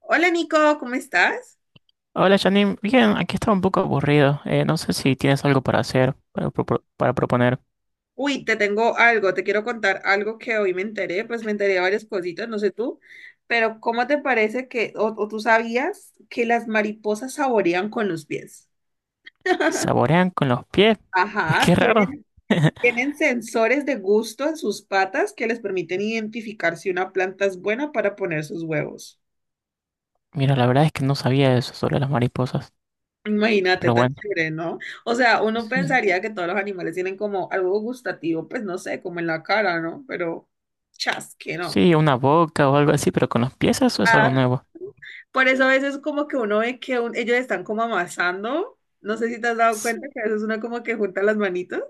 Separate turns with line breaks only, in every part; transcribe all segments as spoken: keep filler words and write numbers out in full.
Hola Nico, ¿cómo estás?
Hola Janine, bien, aquí estaba un poco aburrido. Eh, no sé si tienes algo para hacer, para, propo- para proponer.
Uy, te tengo algo, te quiero contar algo que hoy me enteré, pues me enteré de varias cositas, no sé tú, pero ¿cómo te parece que, o, o tú sabías que las mariposas saborean con los pies?
¿Saborean con los pies? Pues
Ajá,
qué raro.
tienen, tienen sensores de gusto en sus patas que les permiten identificar si una planta es buena para poner sus huevos.
Mira, la verdad es que no sabía eso sobre las mariposas.
Imagínate,
Pero
tan
bueno,
chévere, ¿no? O sea, uno
sí.
pensaría que todos los animales tienen como algo gustativo, pues no sé, como en la cara, ¿no? Pero chas, que no.
Sí, una boca o algo así, pero con los pies eso es algo
Ah,
nuevo.
Por eso a veces como que uno ve que un- ellos están como amasando. No sé si te has dado
S-
cuenta que a veces uno como que junta las manitas.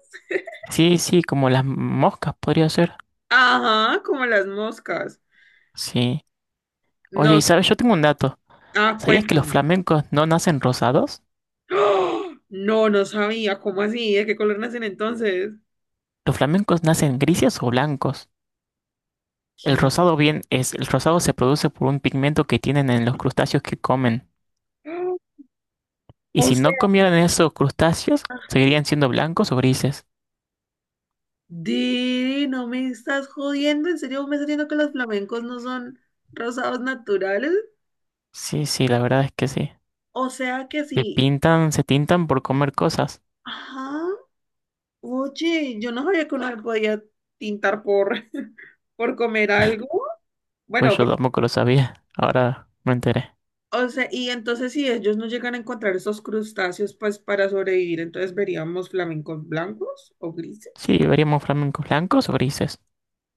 Sí, sí, como las moscas podría ser.
Ajá, como las moscas.
Sí. Oye,
No,
y sabes, yo tengo un dato.
ah,
¿Sabías que los
cuéntame.
flamencos no nacen rosados?
¡Oh! No, no sabía. ¿Cómo así? ¿De qué color nacen entonces?
Los flamencos nacen grises o blancos. El
¿Qué?
rosado bien es, el rosado se produce por un pigmento que tienen en los crustáceos que comen.
¡Oh!
Y
O
si no
sea,
comieran esos crustáceos, seguirían siendo blancos o grises.
Didi, no me estás jodiendo. ¿En serio me estás diciendo que los flamencos no son rosados naturales?
Sí, sí, la verdad es que sí.
O sea que
Se
sí.
pintan, se tintan por comer cosas.
Ajá. Oye, yo no sabía que uno podía tintar por, por comer algo. Bueno,
Pues yo
pues,
tampoco lo sabía. Ahora me enteré.
o sea, y entonces si ellos no llegan a encontrar esos crustáceos, pues para sobrevivir, entonces veríamos flamencos blancos o grises.
Sí, veríamos flamencos blancos o grises.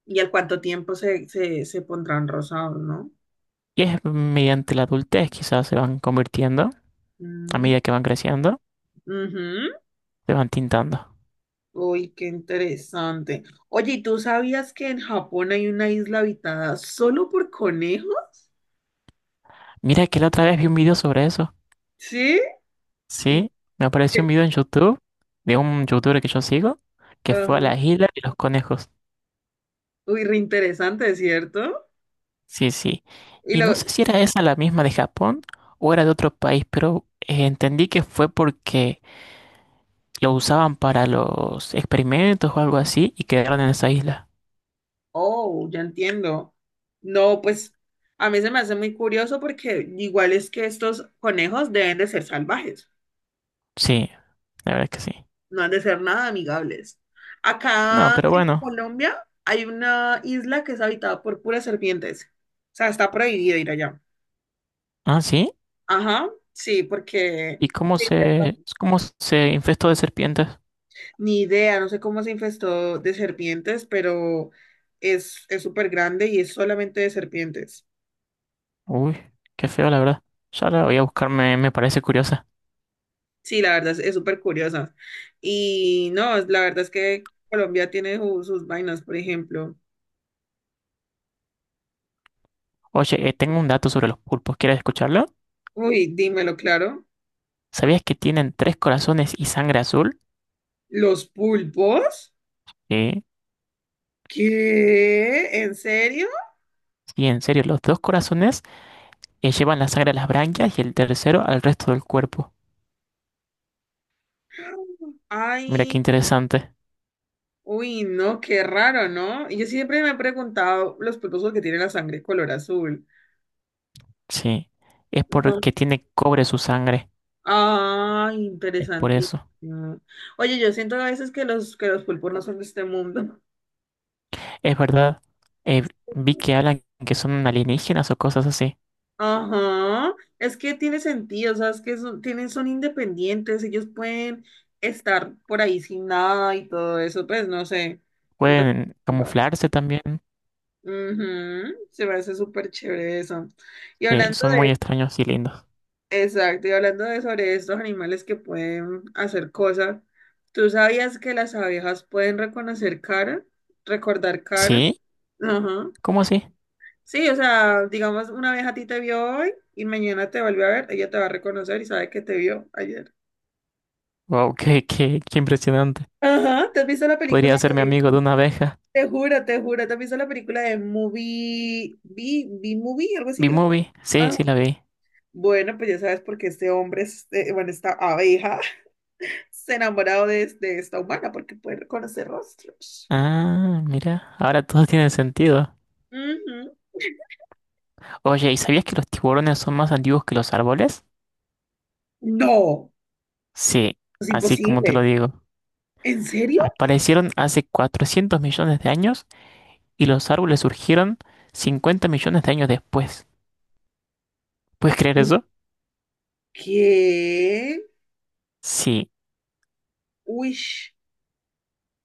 Y al cuánto tiempo se, se, se pondrán rosados, ¿no?
Y es mediante la adultez quizás se van convirtiendo, a
Mm,
medida que van creciendo,
ujú.
se van tintando.
Uy, qué interesante. Oye, ¿y tú sabías que en Japón hay una isla habitada solo por conejos?
Mira que la otra vez vi un video sobre eso.
¿Sí? ¿Y
Sí, me apareció
qué?
un video en YouTube de un youtuber que yo sigo que fue a
Ajá.
la isla de los conejos.
Uy, re interesante, ¿cierto?
Sí, sí.
Y
Y
lo,
no sé si era esa la misma de Japón o era de otro país, pero eh, entendí que fue porque lo usaban para los experimentos o algo así y quedaron en esa isla.
oh, ya entiendo. No, pues a mí se me hace muy curioso porque igual es que estos conejos deben de ser salvajes,
Sí, la verdad es que sí.
no han de ser nada amigables.
No,
Acá
pero
en
bueno.
Colombia hay una isla que es habitada por puras serpientes. O sea, está prohibido ir allá.
Ah, sí.
Ajá, sí, porque
¿Y cómo
se infestó.
se, cómo se infestó de serpientes?
Ni idea, no sé cómo se infestó de serpientes, pero es es súper grande y es solamente de serpientes.
Uy, qué feo, la verdad. Ya la voy a buscarme, me me parece curiosa.
Sí, la verdad es es súper curiosa. Y no, es- la verdad es que Colombia tiene su- sus vainas, por ejemplo.
Oye, eh, tengo un dato sobre los pulpos. ¿Quieres escucharlo?
Uy, dímelo claro.
¿Sabías que tienen tres corazones y sangre azul?
¿Los pulpos?
Sí,
¿Qué? ¿En serio?
sí, en serio, los dos corazones eh, llevan la sangre a las branquias y el tercero al resto del cuerpo. Mira
Ay,
qué interesante.
uy, no, qué raro, ¿no? Y yo siempre me he preguntado los pulpos porque tienen la sangre color azul.
Sí, es
No.
porque tiene cobre su sangre.
Ay,
Es por
interesantísimo.
eso.
Oye, yo siento a veces que los, que los pulpos no son de este mundo.
Es verdad. Eh, Vi que hablan que son alienígenas o cosas así.
Ajá, es que tiene sentido, o sea, es que son, tienen, son independientes, ellos pueden estar por ahí sin nada y todo eso, pues no sé. Entonces,
Pueden camuflarse también.
ujú, se me hace súper chévere eso. Y
Sí,
hablando
son muy extraños y lindos.
de, exacto, y hablando de sobre estos animales que pueden hacer cosas, ¿tú sabías que las abejas pueden reconocer cara? ¿Recordar cara?
¿Sí?
Ajá.
¿Cómo así?
Sí, o sea, digamos, una vez a ti te vio hoy y mañana te volvió a ver, ella te va a reconocer y sabe que te vio ayer.
Wow, qué, qué, qué impresionante.
Ajá, ¿te has visto la
Podría
película
ser mi
de,
amigo de una abeja.
te juro, te juro, te has visto la película de Movie, B, B Movie, algo así
¿Vi
creo.
movie? Sí,
Ah,
sí la vi.
bueno, pues ya sabes por qué este hombre, este, bueno, esta abeja, se ha enamorado de, de esta humana porque puede reconocer rostros.
Ah, mira, ahora todo tiene sentido.
Ujú.
Oye, ¿y sabías que los tiburones son más antiguos que los árboles?
No,
Sí,
es
así como te lo
imposible.
digo.
¿En serio?
Aparecieron hace cuatrocientos millones de años y los árboles surgieron cincuenta millones de años después. ¿Puedes creer eso?
¿Qué?
Sí,
Uy.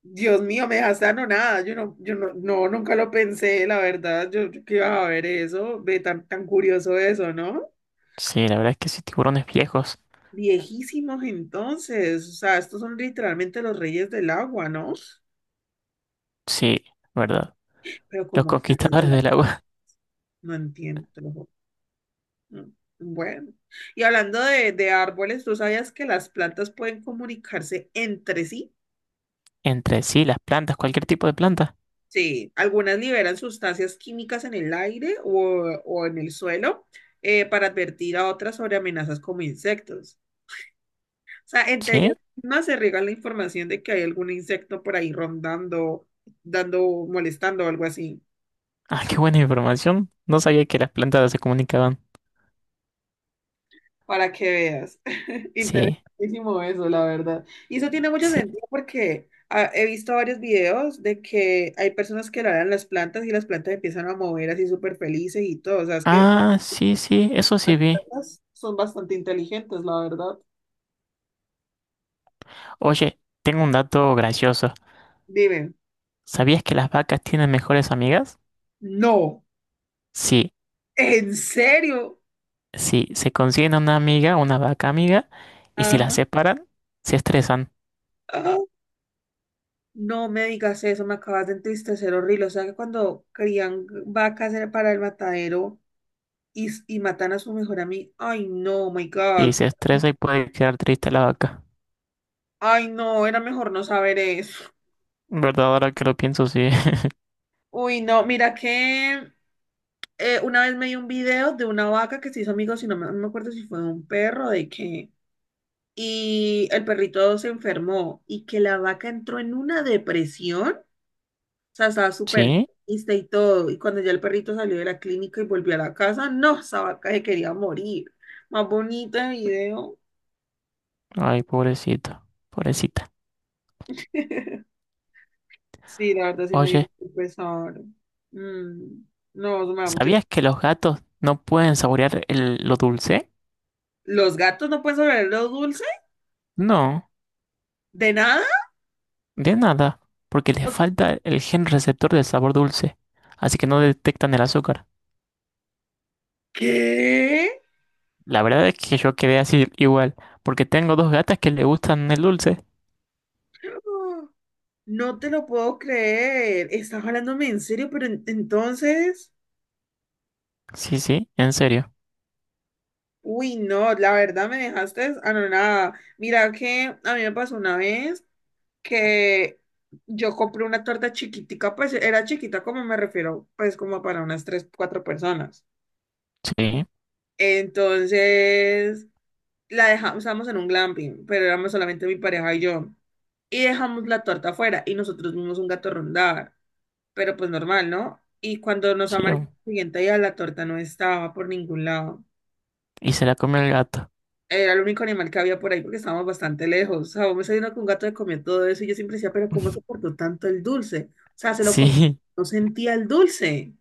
Dios mío, me dejaste anonada. Yo no, yo no, no, nunca lo pensé, la verdad. Yo, yo que iba a ver eso, ve tan, tan curioso eso, ¿no?
sí, la verdad es que sí, tiburones viejos.
Viejísimos entonces. O sea, estos son literalmente los reyes del agua, ¿no?
Sí, ¿verdad?
Pero
Los
como que antes de
conquistadores
la
del
tarde,
agua.
no entiendo. Te lo juro. No. Bueno, y hablando de, de árboles, ¿tú sabías que las plantas pueden comunicarse entre sí?
Entre sí, las plantas, cualquier tipo de planta.
Sí, algunas liberan sustancias químicas en el aire o, o en el suelo eh, para advertir a otras sobre amenazas como insectos. O sea, entre ellas
¿Sí?
mismas se riega la información de que hay algún insecto por ahí rondando, dando, molestando o algo así,
Ah, qué buena información. No sabía que las plantas se comunicaban.
para que veas.
Sí,
Interesantísimo eso, la verdad. Y eso tiene mucho
sí.
sentido porque ah, he visto varios videos de que hay personas que le dan las plantas y las plantas empiezan a mover así súper felices y todo. O sea, es que
Ah, sí, sí, eso sí vi.
son bastante inteligentes, la verdad.
Oye, tengo un dato gracioso.
Dime,
¿Sabías que las vacas tienen mejores amigas?
no,
Sí,
¿en serio?
sí, se consiguen una amiga, una vaca amiga, y si las
Ajá.
separan, se estresan.
Ah, no me digas eso, me acabas de entristecer horrible. O sea que cuando crían vacas era para el matadero y, y matan a su mejor amigo. Ay, no, my
Y
God.
se estresa y puede quedar triste la vaca.
Ay, no, era mejor no saber eso.
¿Verdad? Ahora que lo pienso, sí.
Uy, no, mira que eh, una vez me dio un video de una vaca que se hizo amigos y no me, no me acuerdo si fue de un perro, de que y el perrito se enfermó y que la vaca entró en una depresión, o sea, estaba súper
Sí,
triste y todo, y cuando ya el perrito salió de la clínica y volvió a la casa, no, esa vaca se quería morir. Más bonito el video.
ay, pobrecito, pobrecita.
Sí, la verdad sí me dio
Oye,
mucho pesar. Mm, no, eso me da mucho.
¿sabías que los gatos no pueden saborear el- lo dulce?
¿Los gatos no pueden saber lo dulce?
No.
¿De nada?
De nada, porque les falta el gen receptor del sabor dulce, así que no detectan el azúcar.
¿Qué?
La verdad es que yo quedé así igual, porque tengo dos gatas que le gustan el dulce.
No te lo puedo creer. Estás hablándome en serio, pero en- entonces...
Sí, sí, en serio.
Uy, no, la verdad me dejaste anonada. Mira que a mí me pasó una vez que yo compré una torta chiquitica, pues era chiquita como me refiero, pues como para unas tres, cuatro personas.
Sí,
Entonces la dejamos, estábamos en un glamping, pero éramos solamente mi pareja y yo. Y dejamos la torta afuera y nosotros vimos un gato rondar, pero pues normal, ¿no? Y cuando nos
sí,
amanecimos el siguiente día la torta no estaba por ningún lado.
y se la comió el gato.
Era el único animal que había por ahí porque estábamos bastante lejos. O sea, vos me saliendo con un gato que comió todo eso y yo siempre decía, pero ¿cómo soportó tanto el dulce? O sea, se lo comió,
Sí,
no sentía el dulce.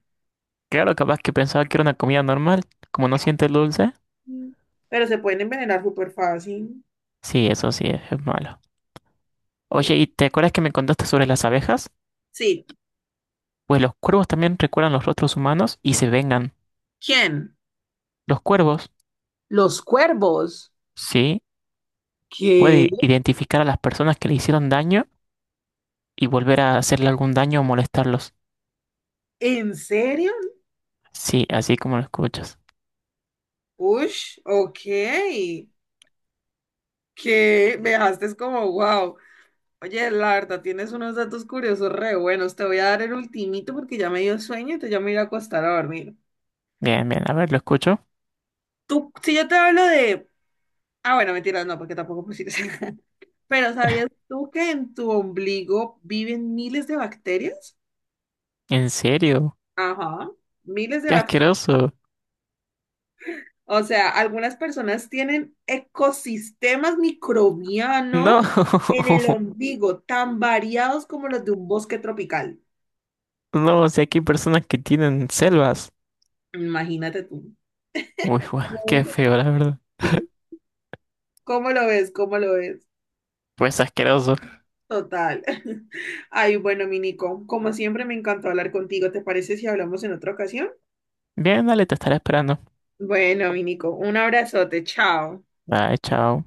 claro, capaz que pensaba que era una comida normal, como no siente el dulce.
Mm. Pero se pueden envenenar súper fácil.
Sí, eso sí, es, es malo. Oye, ¿y te acuerdas que me contaste sobre las abejas?
Sí.
Pues los cuervos también recuerdan los rostros humanos y se vengan.
¿Quién?
Los cuervos,
Los cuervos.
sí,
¿Qué?
puede identificar a las personas que le hicieron daño y volver a hacerle algún daño o molestarlos.
¿En serio?
Sí, así como lo escuchas.
Ush, ok. Que me dejaste es como, wow. Oye, la verdad, tienes unos datos curiosos re buenos. Te voy a dar el ultimito porque ya me dio sueño, entonces ya me voy a ir a acostar a dormir.
Bien, bien, a ver, lo escucho.
Tú, si yo te hablo de... Ah, bueno, mentira, no, porque tampoco pusiste. Pero ¿sabías tú que en tu ombligo viven miles de bacterias?
¿En serio?
Ajá, miles de
¡Qué
bacterias.
asqueroso!
O sea, algunas personas tienen ecosistemas microbianos
No,
en el ombligo, tan variados como los de un bosque tropical.
no, o sea, aquí hay personas que tienen selvas.
Imagínate tú.
Uy, guau,
¿Cómo
qué
ves?
feo, la verdad.
¿Cómo lo ves? ¿Cómo lo ves?
Pues asqueroso.
Total. Ay, bueno, mi Nico, como siempre me encantó hablar contigo. ¿Te parece si hablamos en otra ocasión?
Bien, dale, te estaré esperando.
Bueno, mi Nico, un abrazote, chao.
Bye, chao.